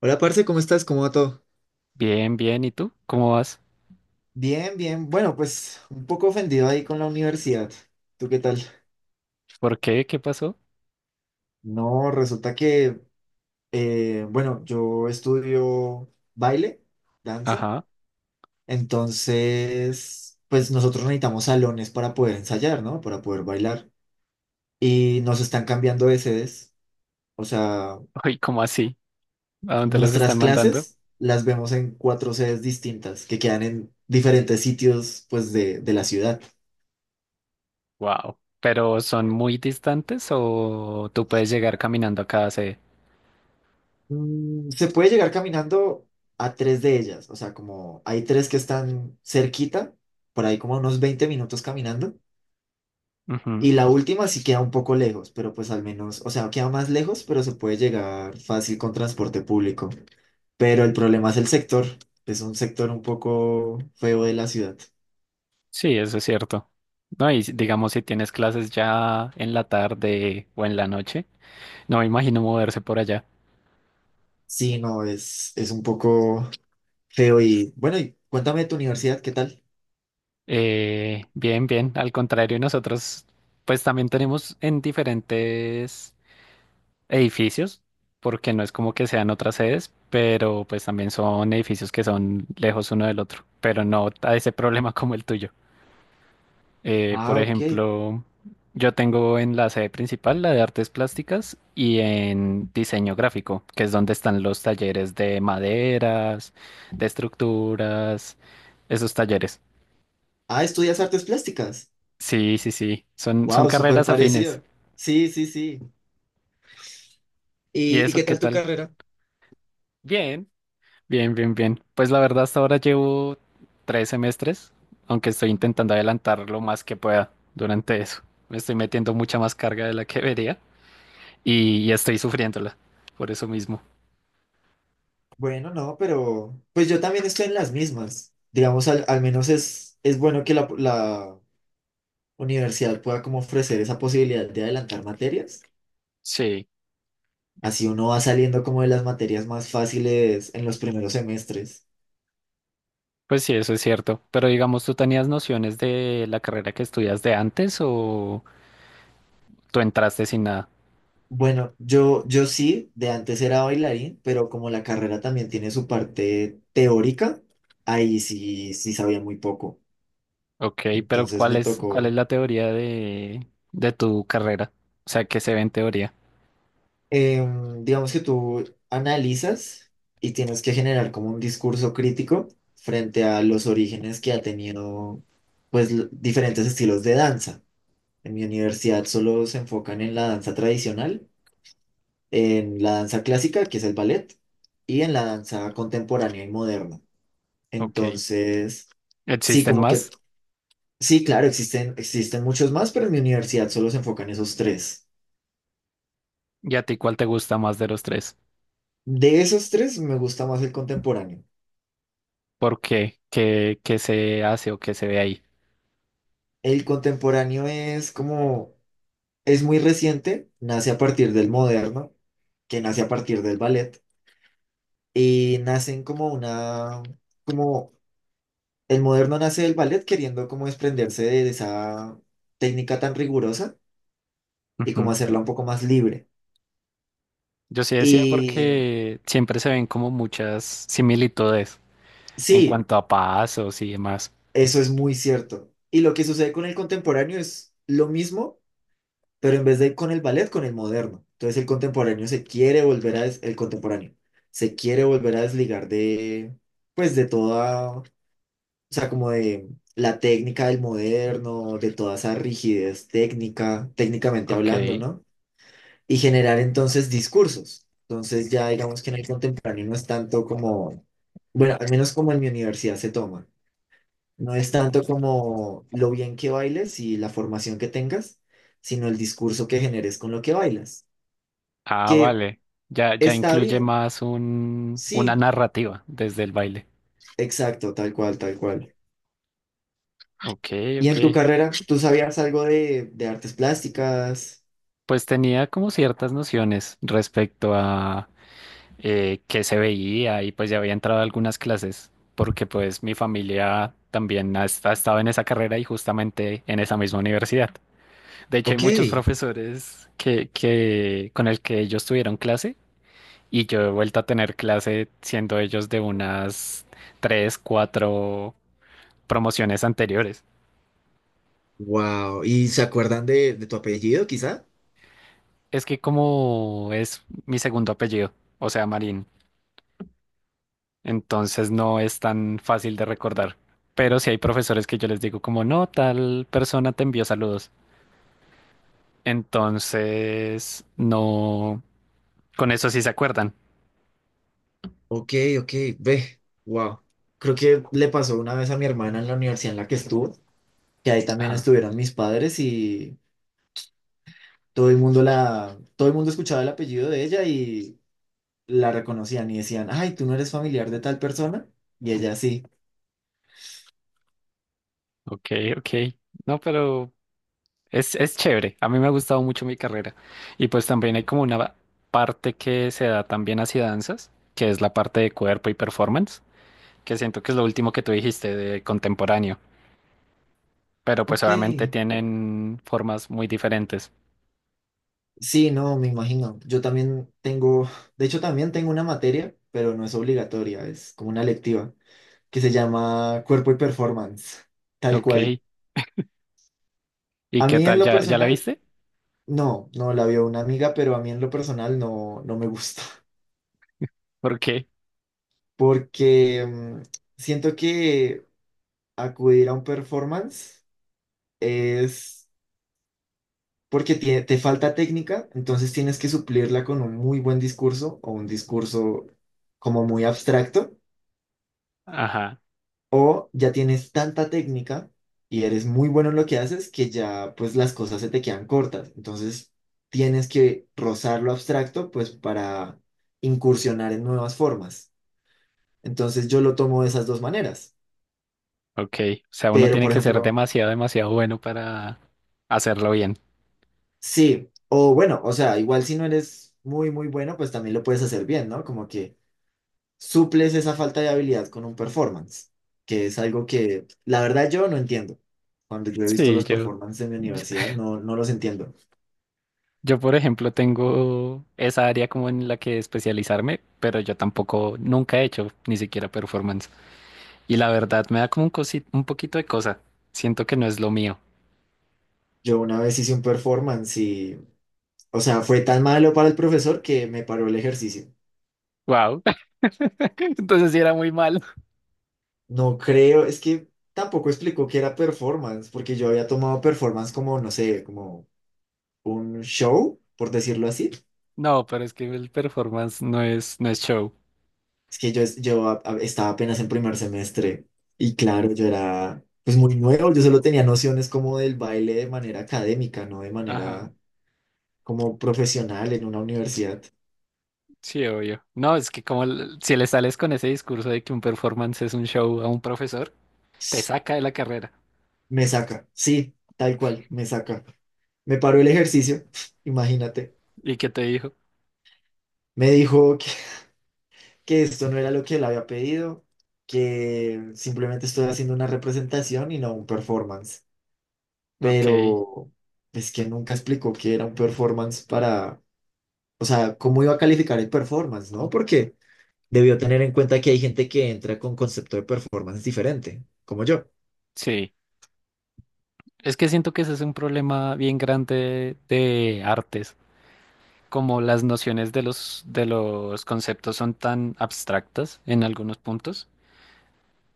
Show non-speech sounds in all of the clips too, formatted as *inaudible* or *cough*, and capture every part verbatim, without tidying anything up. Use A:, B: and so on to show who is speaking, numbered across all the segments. A: Hola, parce, ¿cómo estás? ¿Cómo va todo?
B: Bien, bien. ¿Y tú? ¿Cómo vas?
A: Bien, bien. Bueno, pues un poco ofendido ahí con la universidad. ¿Tú qué tal?
B: ¿Por qué? ¿Qué pasó?
A: No, resulta que, eh, bueno, yo estudio baile, danza,
B: Ajá.
A: entonces, pues nosotros necesitamos salones para poder ensayar, ¿no? Para poder bailar. Y nos están cambiando de sedes. O sea,
B: *laughs* Uy, ¿cómo así? ¿A dónde los
A: nuestras
B: están mandando?
A: clases las vemos en cuatro sedes distintas que quedan en diferentes sitios, pues, de, de la ciudad.
B: Wow. ¿Pero son muy distantes o tú puedes llegar caminando a cada sede?
A: Mm, se puede llegar caminando a tres de ellas, o sea, como hay tres que están cerquita, por ahí como unos veinte minutos caminando,
B: Ujú.
A: y la última sí queda un poco lejos, pero pues al menos, o sea, queda más lejos, pero se puede llegar fácil con transporte público. Pero el problema es el sector, es un sector un poco feo de la ciudad.
B: Sí, eso es cierto. No, y si- digamos si tienes clases ya en la tarde o en la noche, no me imagino moverse por allá.
A: Sí, no, es, es un poco feo y bueno, y cuéntame de tu universidad, ¿qué tal?
B: Eh, bien, bien. Al contrario, nosotros pues también tenemos en diferentes edificios, porque no es como que sean otras sedes, pero pues también son edificios que son lejos uno del otro, pero no a ese problema *laughs* como el tuyo. Eh, por
A: Ah, ok.
B: ejemplo, yo tengo en la sede principal la de artes plásticas y en diseño gráfico, que es donde están los talleres de maderas, de estructuras, esos talleres.
A: Ah, estudias artes plásticas.
B: Sí, sí, sí, son, son
A: Wow, súper
B: carreras afines.
A: parecido. Sí, sí, sí.
B: ¿Y
A: ¿Y, y
B: eso
A: qué
B: qué
A: tal tu
B: tal?
A: carrera?
B: Bien. Bien, bien, bien. Pues la verdad hasta ahora llevo tres semestres, aunque estoy intentando adelantar lo más que pueda durante eso. Me estoy metiendo mucha más carga de la que debería y, y estoy sufriéndola por eso mismo.
A: Bueno, no, pero pues yo también estoy en las mismas. Digamos, al, al menos es, es bueno que la, la universidad pueda como ofrecer esa posibilidad de adelantar materias.
B: Sí,
A: Así uno va saliendo como de las materias más fáciles en los primeros semestres.
B: pues sí, eso es cierto. Pero digamos, ¿tú tenías nociones de la carrera que estudias de antes o tú entraste sin nada?
A: Bueno, yo, yo sí, de antes era bailarín, pero como la carrera también tiene su parte teórica, ahí sí, sí sabía muy poco.
B: Ok, pero
A: Entonces
B: ¿cuál
A: me
B: es, cuál es
A: tocó.
B: la teoría de, de tu carrera? O sea, ¿qué se ve en teoría?
A: Em, digamos que tú analizas y tienes que generar como un discurso crítico frente a los orígenes que ha tenido, pues, l- diferentes estilos de danza. En mi universidad solo se enfocan en la danza tradicional, en la danza clásica, que es el ballet, y en la danza contemporánea y moderna.
B: Ok.
A: Entonces, sí,
B: ¿Existen
A: como que,
B: más?
A: sí, claro, existen, existen muchos más, pero en mi universidad solo se enfocan esos tres.
B: ¿Y a ti cuál te gusta más de los tres?
A: De esos tres, me gusta más el contemporáneo.
B: ¿Por qué? ¿Qué, qué se hace o qué se ve ahí?
A: El contemporáneo es como, es muy reciente, nace a partir del moderno, que nace a partir del ballet, y nacen como una, como el moderno nace del ballet queriendo como desprenderse de esa técnica tan rigurosa y como
B: Ujú.
A: hacerla un poco más libre.
B: Yo sí decía
A: Y
B: porque siempre se ven como muchas similitudes en
A: sí,
B: cuanto a pasos y demás.
A: eso es muy cierto. Y lo que sucede con el contemporáneo es lo mismo pero en vez de ir con el ballet, con el moderno. Entonces el contemporáneo se quiere volver a, des- el contemporáneo se quiere volver a desligar de, pues de toda, o sea, como de la técnica del moderno, de toda esa rigidez técnica, técnicamente
B: Ok.
A: hablando, ¿no? Y generar entonces discursos. Entonces ya digamos que en el contemporáneo no es tanto como, bueno, al menos como en mi universidad se toma. No es tanto como lo bien que bailes y la formación que tengas, sino el discurso que generes con lo que bailas
B: Ah,
A: que
B: vale. Ya, ya
A: está
B: incluye
A: bien,
B: más un,
A: sí,
B: una narrativa desde el baile.
A: exacto, tal cual, tal cual.
B: Ok,
A: ¿Y
B: ok.
A: en tu carrera, tú sabías algo de, de artes plásticas?
B: Pues tenía como ciertas nociones respecto a eh, qué se veía y pues ya había entrado a algunas clases porque pues mi familia también ha, ha estado en esa carrera y justamente en esa misma universidad. De hecho, hay
A: Ok,
B: muchos profesores que, que con el que ellos tuvieron clase y yo he vuelto a tener clase siendo ellos de unas tres, cuatro promociones anteriores.
A: wow. ¿Y se acuerdan de, de tu apellido, quizá?
B: Es que como es mi segundo apellido, o sea, Marín, entonces no es tan fácil de recordar. Pero sí hay profesores que yo les digo como, no, tal persona te envió saludos. Entonces, no, con eso sí se acuerdan.
A: Ok, ok, ve, wow. Creo que le pasó una vez a mi hermana en la universidad en la que estuvo, que ahí también
B: Ajá,
A: estuvieron mis padres y todo el mundo la, todo el mundo escuchaba el apellido de ella y la reconocían y decían, ay, tú no eres familiar de tal persona. Y ella sí,
B: ok, ok. No, pero Es, es chévere, a mí me ha gustado mucho mi carrera. Y pues también hay como una parte que se da también hacia danzas, que es la parte de cuerpo y performance, que siento que es lo último que tú dijiste de contemporáneo, pero pues
A: ok.
B: obviamente tienen formas muy diferentes.
A: Sí, no, me imagino. Yo también tengo, de hecho también tengo una materia, pero no es obligatoria, es como una electiva, que se llama Cuerpo y Performance, tal
B: Ok,
A: cual.
B: ¿y
A: A
B: qué
A: mí en
B: tal?
A: lo
B: ¿Ya, ya la
A: personal,
B: viste?
A: no, no la vio una amiga, pero a mí en lo personal no, no me gusta,
B: ¿Por qué?
A: *laughs* porque mm, siento que acudir a un performance es porque tie- te falta técnica, entonces tienes que suplirla con un muy buen discurso o un discurso como muy abstracto.
B: Ajá,
A: O ya tienes tanta técnica y eres muy bueno en lo que haces que ya pues las cosas se te quedan cortas. Entonces tienes que rozar lo abstracto pues para incursionar en nuevas formas. Entonces yo lo tomo de esas dos maneras.
B: ok. O sea, uno
A: Pero
B: tiene
A: por
B: que ser
A: ejemplo,
B: demasiado, demasiado bueno para hacerlo bien.
A: sí, o bueno, o sea, igual si no eres muy muy bueno pues también lo puedes hacer bien, ¿no? Como que suples esa falta de habilidad con un performance, que es algo que la verdad yo no entiendo. Cuando yo he visto
B: Sí,
A: los
B: yo
A: performances en mi universidad, no, no los entiendo.
B: Yo, por ejemplo, tengo esa área como en la que especializarme, pero yo tampoco nunca he hecho ni siquiera performance. Y la verdad me da como un cosi- un poquito de cosa. Siento que no es lo mío.
A: Yo una vez hice un performance y, o sea, fue tan malo para el profesor que me paró el ejercicio.
B: Wow. *laughs* Entonces sí era muy malo.
A: No creo, es que tampoco explicó que era performance, porque yo había tomado performance como, no sé, como un show, por decirlo así.
B: No, pero es que el performance no es, no es show.
A: Es que yo, es- yo a- a- estaba apenas en primer semestre y claro, yo era pues muy nuevo, yo solo tenía nociones como del baile de manera académica, no de
B: Ajá.
A: manera como profesional en una universidad.
B: Sí, obvio. No, es que como l- si le sales con ese discurso de que un performance es un show a un profesor, te saca de la carrera.
A: Me saca, sí, tal cual, me saca. Me paró el ejercicio, *laughs* imagínate.
B: ¿Y qué te dijo?
A: Me dijo que, que esto no era lo que él había pedido, que simplemente estoy haciendo una representación y no un performance.
B: Ok,
A: Pero es que nunca explicó que era un performance para, o sea, cómo iba a calificar el performance, ¿no? Porque debió tener en cuenta que hay gente que entra con concepto de performance diferente, como yo.
B: sí. Es que siento que ese es un problema bien grande de artes, como las nociones de los, de los conceptos son tan abstractas en algunos puntos,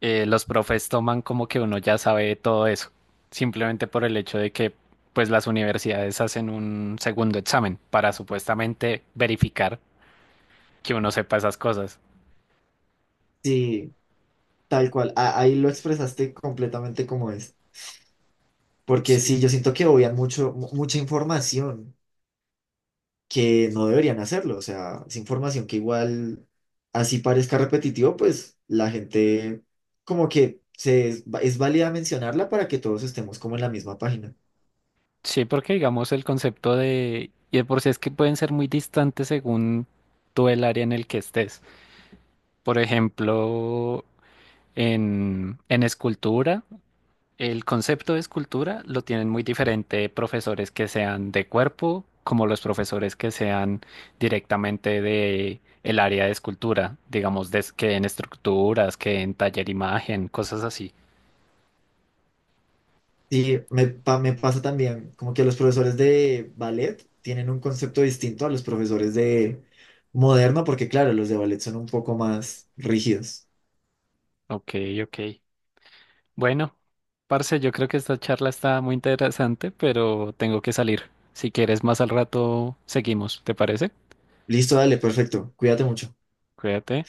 B: eh, los profes toman como que uno ya sabe todo eso, simplemente por el hecho de que pues las universidades hacen un segundo examen para supuestamente verificar que uno sepa esas cosas.
A: Sí, tal cual. A- ahí lo expresaste completamente como es. Porque
B: Sí.
A: sí, yo siento que obvian mucho, mu- mucha información que no deberían hacerlo. O sea, es información que igual, así parezca repetitivo, pues la gente como que se, es, es válida mencionarla para que todos estemos como en la misma página.
B: Sí, porque digamos el concepto de, y de por sí es que pueden ser muy distantes según tú el área en el que estés. Por ejemplo, en, en escultura, el concepto de escultura lo tienen muy diferente profesores que sean de cuerpo, como los profesores que sean directamente de el área de escultura, digamos, des- que en estructuras, que en taller imagen, cosas así.
A: Sí, me, pa- me pasa también como que los profesores de ballet tienen un concepto distinto a los profesores de moderno, porque claro, los de ballet son un poco más rígidos.
B: Ok, ok. Bueno, parce, yo creo que esta charla está muy interesante, pero tengo que salir. Si quieres, más al rato seguimos, ¿te parece?
A: Listo, dale, perfecto. Cuídate mucho.
B: Cuídate.